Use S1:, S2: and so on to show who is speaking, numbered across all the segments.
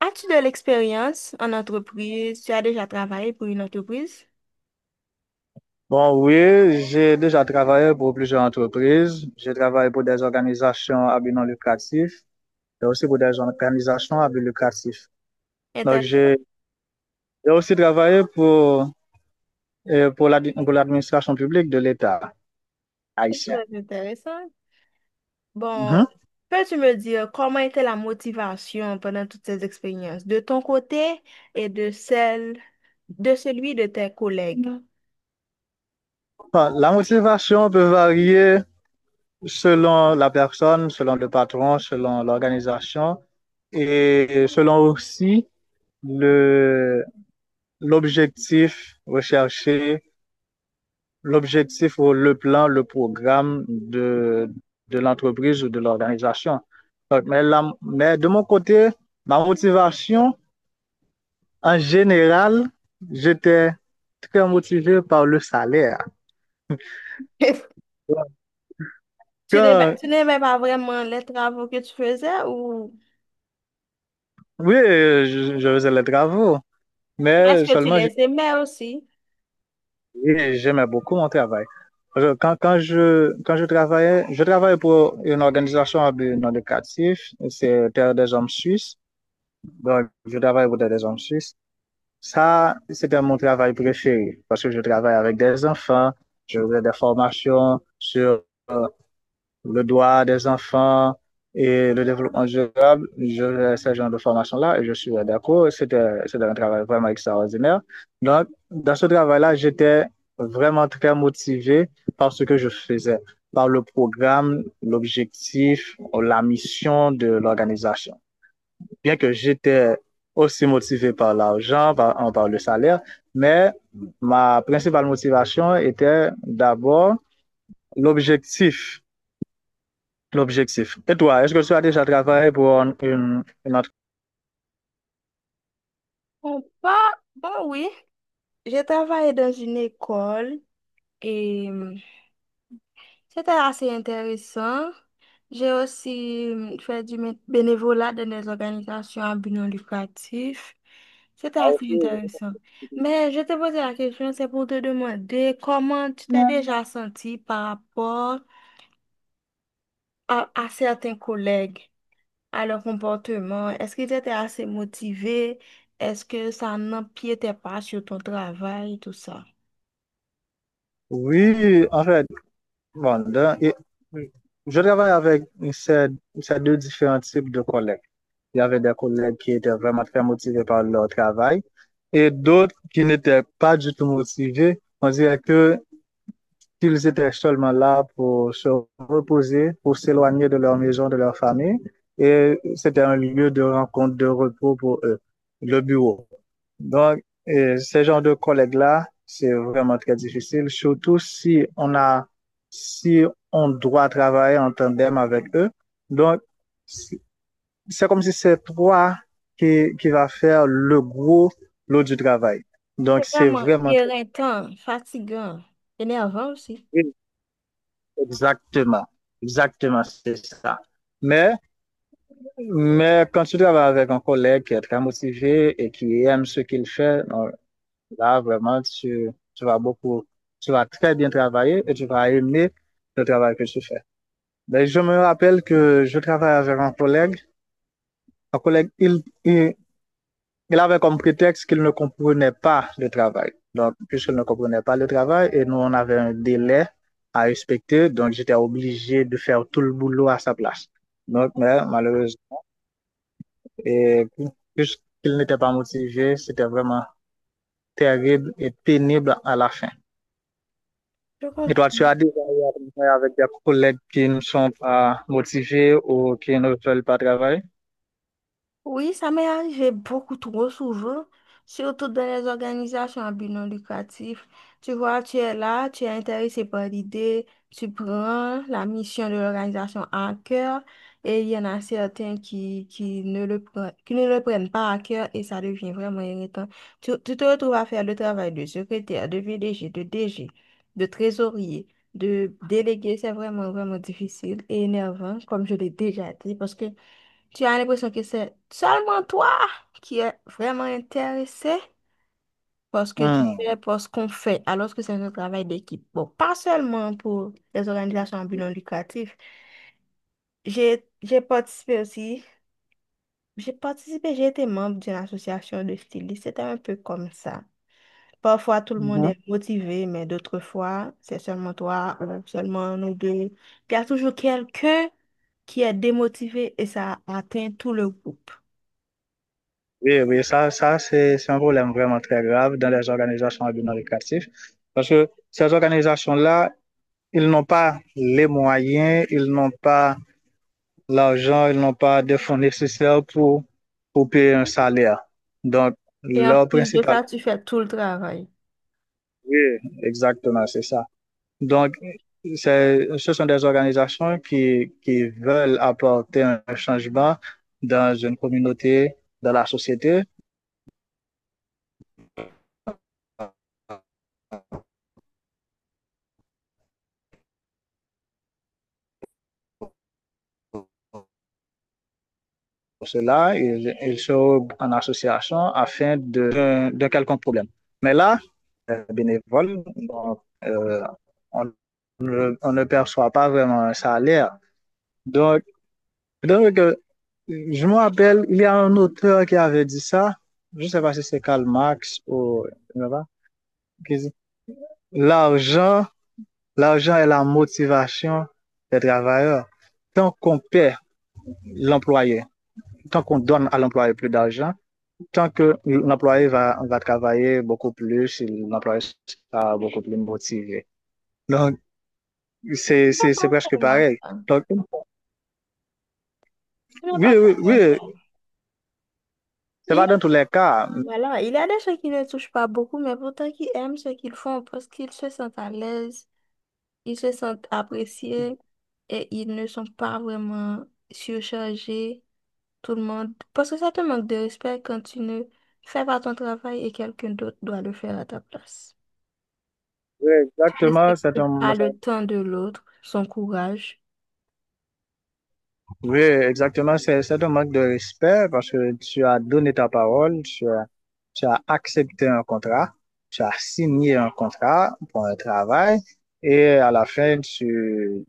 S1: As-tu de l'expérience en entreprise? Tu as déjà travaillé pour une entreprise?
S2: Bon, oui, j'ai déjà travaillé pour plusieurs entreprises. J'ai travaillé pour des organisations à but non lucratif et aussi pour des organisations à but lucratif. Donc, j'ai
S1: Intéressant,
S2: j'ai aussi travaillé pour pour l'administration publique de l'État
S1: c'est
S2: haïtien.
S1: très intéressant. Bon,
S2: Mhm.
S1: peux-tu me dire comment était la motivation pendant toutes ces expériences, de ton côté et de celle, de celui de tes collègues?
S2: Bon, la motivation peut varier selon la personne, selon le patron, selon l'organisation et selon aussi le, l'objectif recherché, l'objectif ou le plan, le programme de l'entreprise ou de l'organisation. Mais, mais de mon côté, ma motivation, en général, j'étais très motivé par le salaire.
S1: Tu n'aimais,
S2: Quand,
S1: tu n'aimais pas vraiment les travaux que tu faisais ou
S2: oui, je faisais les travaux,
S1: est-ce
S2: mais
S1: que tu
S2: seulement
S1: les aimais aussi?
S2: j'aimais beaucoup mon travail. Quand, quand je travaillais pour une organisation à non lucratif, c'est Terre des Hommes Suisses. Donc, je travaille pour Terre des Hommes Suisses. Ça, c'était mon travail préféré parce que je travaille avec des enfants, je fais des formations sur le droit des enfants et le développement durable. Je fais ce genre de formation-là et je suis d'accord. C'était un travail vraiment extraordinaire. Donc, dans ce travail-là, j'étais vraiment très motivé par ce que je faisais, par le programme, l'objectif, la mission de l'organisation, bien que j'étais aussi motivé par l'argent, par le salaire, mais ma principale motivation était d'abord l'objectif. L'objectif. Et toi, est-ce que tu as déjà travaillé pour une entreprise?
S1: Bon, pas, bon, oui. J'ai travaillé dans une école et c'était assez intéressant. J'ai aussi fait du bénévolat dans des organisations à but non lucratif. C'était assez intéressant. Mais je t'ai posé la question, c'est pour te demander comment tu t'es déjà senti par rapport à certains collègues, à leur comportement. Est-ce qu'ils étaient assez motivés? Est-ce que ça n'empiétait pas sur ton travail, tout ça?
S2: Oui, en fait, bon, je travaille avec ces, ces deux différents types de collègues. Il y avait des collègues qui étaient vraiment très motivés par leur travail et d'autres qui n'étaient pas du tout motivés. On dirait que qu'ils étaient seulement là pour se reposer, pour s'éloigner de leur maison, de leur famille. Et c'était un lieu de rencontre, de repos pour eux, le bureau. Donc, et ce genre de collègues-là, c'est vraiment très difficile, surtout si on a, si on doit travailler en tandem avec eux. Donc, c'est comme si c'est toi qui va faire le gros lot du travail. Donc,
S1: C'est
S2: c'est
S1: vraiment
S2: vraiment très
S1: éreintant, fatigant, énervant aussi.
S2: difficile. Exactement, exactement, c'est ça. Mais, mais quand tu travailles avec un collègue qui est très motivé et qui aime ce qu'il fait, non, là, vraiment, tu vas beaucoup, tu vas très bien travailler et tu vas aimer le travail que tu fais. Mais je me rappelle que je travaille avec un collègue. Un collègue, il avait comme prétexte qu'il ne comprenait pas le travail. Donc, puisqu'il ne comprenait pas le travail, et nous, on avait un délai à respecter, donc j'étais obligé de faire tout le boulot à sa place. Donc, mais malheureusement, et puisqu'il n'était pas motivé, c'était vraiment terrible et pénible à la fin.
S1: Je
S2: Et toi, tu
S1: comprends.
S2: as déjà eu avec des collègues qui ne sont pas motivés ou qui ne veulent pas travailler?
S1: Oui, ça m'est arrivé beaucoup trop souvent, surtout dans les organisations à but non lucratif. Tu vois, tu es là, tu es intéressé par l'idée, tu prends la mission de l'organisation à cœur et il y en a certains qui ne le prennent, qui ne le prennent pas à cœur et ça devient vraiment irritant. Tu te retrouves à faire le travail de secrétaire, de VDG, de DG, de trésorier, de délégué. C'est vraiment, vraiment difficile et énervant, comme je l'ai déjà dit, parce que tu as l'impression que c'est seulement toi qui es vraiment intéressé par ce que tu
S2: Mmh.
S1: fais, par ce qu'on fait, alors que c'est un travail d'équipe. Bon, pas seulement pour les organisations à but non lucratif. J'ai, j'ai participé aussi, j'ai participé, j'ai été membre d'une association de stylistes. C'était un peu comme ça. Parfois, tout le monde
S2: Mmh.
S1: est motivé, mais d'autres fois, c'est seulement toi ou seulement nous deux. Il y a toujours quelqu'un qui est démotivé et ça atteint tout le groupe.
S2: Oui, oui, ça c'est un problème vraiment très grave dans les organisations à but non lucratif parce que ces organisations-là, ils n'ont pas les moyens, ils n'ont pas l'argent, ils n'ont pas des fonds nécessaires pour payer un salaire. Donc,
S1: Et en
S2: leur
S1: plus de
S2: principal…
S1: ça, tu fais tout le travail.
S2: Oui, exactement, c'est ça. Donc, ce sont des organisations qui veulent apporter un changement dans une communauté, dans la société. Pour cela, ils sont en association afin de quelconque problème. Mais là, les bénévoles, donc, on, on ne perçoit pas vraiment un salaire. Donc, donc, je me rappelle, il y a un auteur qui avait dit ça. Je ne sais pas si c'est Karl Marx ou l'argent, l'argent est la motivation des travailleurs. Tant qu'on paie l'employé, tant qu'on donne à l'employé plus d'argent, tant que l'employé va travailler beaucoup plus, l'employé sera beaucoup plus motivé. Donc,
S1: C'est
S2: c'est
S1: pas
S2: presque
S1: seulement
S2: pareil.
S1: ça.
S2: Donc,
S1: Ce n'est
S2: oui,
S1: pas
S2: oui,
S1: seulement ça.
S2: oui, c'est
S1: Il,
S2: pas dans tous les cas.
S1: voilà, il y a des gens qui ne touchent pas beaucoup, mais pourtant qui aiment ce qu'ils font parce qu'ils se sentent à l'aise, ils se sentent appréciés et ils ne sont pas vraiment surchargés, tout le monde. Parce que ça te manque de respect quand tu ne fais pas ton travail et quelqu'un d'autre doit le faire à ta place.
S2: Oui,
S1: Tu ne
S2: exactement,
S1: respectes pas le temps de l'autre, son courage,
S2: oui, exactement, c'est un manque de respect parce que tu as donné ta parole, tu as accepté un contrat, tu as signé un contrat pour un travail et à la fin,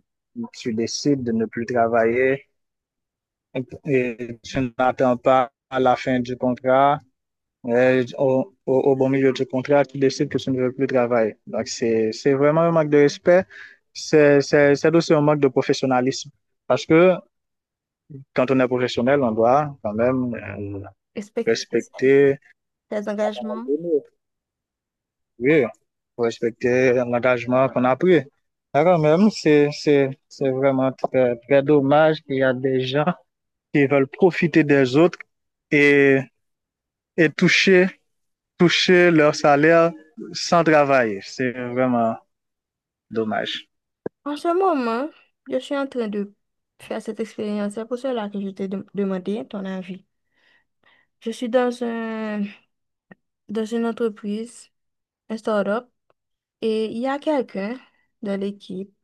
S2: tu décides de ne plus travailler et tu n'attends pas à la fin du contrat, bon milieu du contrat, tu décides que tu ne veux plus travailler. Donc, c'est vraiment un manque de respect. C'est aussi un manque de professionnalisme. Parce que quand on est professionnel, on doit quand même
S1: respecte ses
S2: respecter,
S1: ses engagements.
S2: oui, respecter l'engagement qu'on a pris. Alors même, c'est vraiment très, très dommage qu'il y a des gens qui veulent profiter des autres et, et toucher toucher leur salaire sans travailler. C'est vraiment dommage.
S1: En ce moment, je suis en train de faire cette expérience. C'est pour cela que je t'ai demandé ton avis. Je suis dans une entreprise, un start-up, et il y a quelqu'un dans l'équipe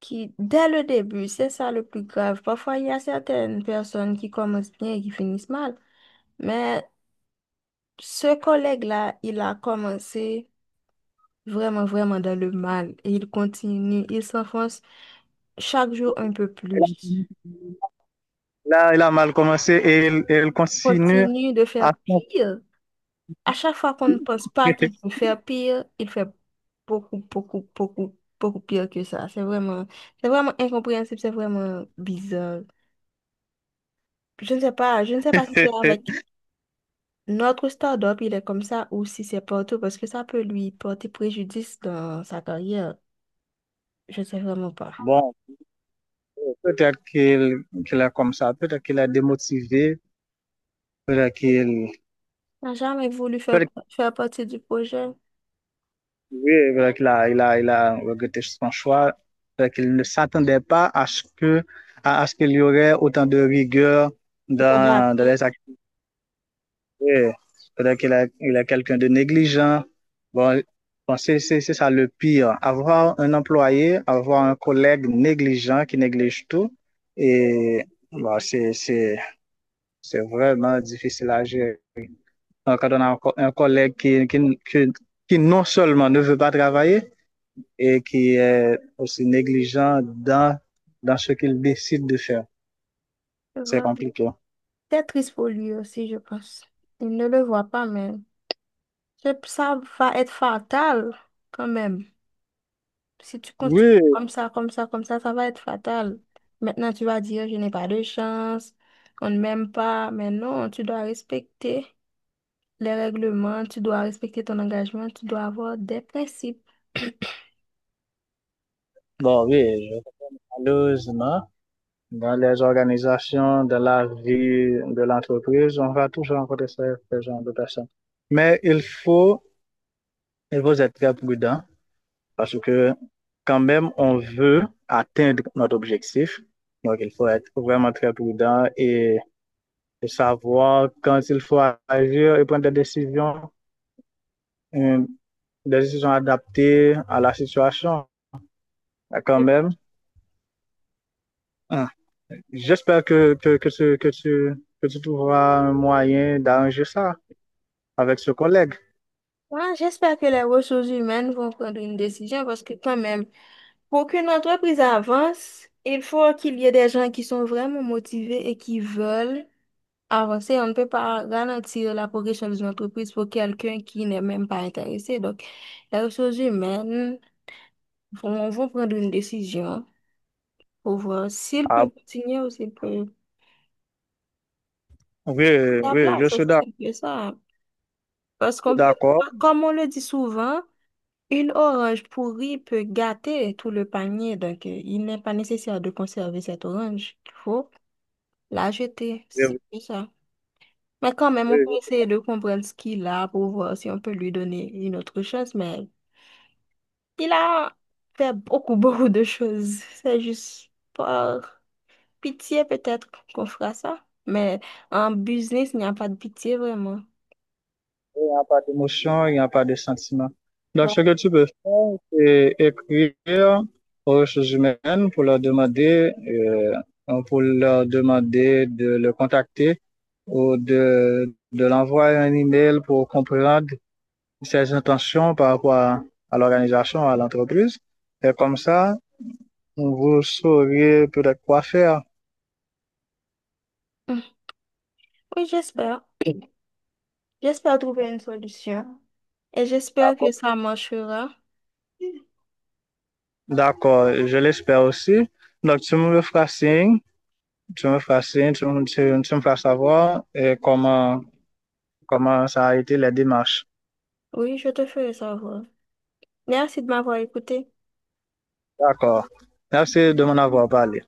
S1: qui, dès le début, c'est ça le plus grave. Parfois, il y a certaines personnes qui commencent bien et qui finissent mal. Mais ce collègue-là, il a commencé vraiment, vraiment dans le mal et il continue, il s'enfonce chaque jour un peu plus.
S2: Là, il a mal commencé et il continue
S1: Continue de faire
S2: à
S1: pire. À chaque fois qu'on ne pense pas
S2: s'entraîner.
S1: qu'il peut faire pire, il fait beaucoup, beaucoup, beaucoup, beaucoup pire que ça. C'est vraiment incompréhensible, c'est vraiment bizarre. Je ne sais pas, si c'est avec notre start-up, il est comme ça, ou si c'est partout, parce que ça peut lui porter préjudice dans sa carrière. Je ne sais vraiment pas.
S2: Bon, peut-être qu'il est comme ça, peut-être qu'il est démotivé, peut-être qu'il
S1: N'a jamais voulu faire,
S2: peut-être
S1: faire partie du projet.
S2: qu'il oui, peut-être qu'il a, il a, il a regretté son choix, peut-être qu'il ne s'attendait pas à ce que à ce qu'il y aurait autant de rigueur
S1: Autant
S2: dans, dans
S1: d'attendre.
S2: les activités. Ouais. C'est-à-dire il a quelqu'un de négligent. Bon, bon, c'est ça le pire. Avoir un employé, avoir un collègue négligent qui néglige tout, et bon, c'est vraiment difficile à gérer. Donc, quand on a un collègue qui, qui non seulement ne veut pas travailler, et qui est aussi négligent dans, dans ce qu'il décide de faire,
S1: C'est
S2: c'est compliqué.
S1: c'est triste pour lui aussi, je pense. Il ne le voit pas, mais je- ça va être fatal quand même. Si tu continues
S2: Oui,
S1: comme ça, comme ça, comme ça va être fatal. Maintenant, tu vas dire, je n'ai pas de chance, on ne m'aime pas. Mais non, tu dois respecter les règlements, tu dois respecter ton engagement, tu dois avoir des principes.
S2: bon, malheureusement. Dans les organisations, dans la vie de l'entreprise, on va toujours rencontrer ce genre de personnes. Mais il faut, il faut être très prudent parce que quand même, on veut atteindre notre objectif. Donc, il faut être vraiment très prudent et savoir quand il faut agir et prendre euh, des décisions adaptées à la situation quand même. Hein, j'espère que tu trouveras un moyen d'arranger ça avec ce collègue.
S1: Moi, j'espère que les ressources humaines vont prendre une décision parce que quand même, pour qu'une entreprise avance, il faut qu'il y ait des gens qui sont vraiment motivés et qui veulent avancer. On ne peut pas garantir la progression d'une entreprise pour quelqu'un qui n'est même pas intéressé. Donc, les ressources humaines vont prendre une décision. Pour voir s'il
S2: Ah,
S1: peut continuer ou s'il peut
S2: oui,
S1: sa
S2: oui, je
S1: place.
S2: suis
S1: Aussi simple que ça. Parce qu'on peut,
S2: d'accord.
S1: comme on le dit souvent, une orange pourrie peut gâter tout le panier. Donc, il n'est pas nécessaire de conserver cette orange. Il faut la jeter.
S2: Oui,
S1: C'est
S2: oui,
S1: que ça. Mais quand même,
S2: oui,
S1: on peut
S2: oui.
S1: essayer de comprendre ce qu'il a pour voir si on peut lui donner une autre chance. Mais il a fait beaucoup, beaucoup de choses. C'est juste pas. Pitié, peut-être qu'on fera ça, mais en business, il n'y a pas de pitié vraiment.
S2: Il n'y a pas d'émotion, il n'y a pas de sentiment. Donc,
S1: Ouais.
S2: ce que tu peux faire, c'est écrire aux ressources humaines pour leur demander de le contacter ou de l'envoyer un email pour comprendre ses intentions par rapport à l'organisation, à l'entreprise. Et comme ça, vous saurez peut-être quoi faire.
S1: Mm. Oui, j'espère. J'espère trouver une solution et j'espère que ça marchera.
S2: D'accord, je l'espère aussi. Donc, tu me feras signe, tu me feras signe, tu me feras savoir comment, comment ça a été les démarches.
S1: Oui, je te ferai savoir. Merci de m'avoir écouté.
S2: D'accord. Merci de m'en avoir parlé.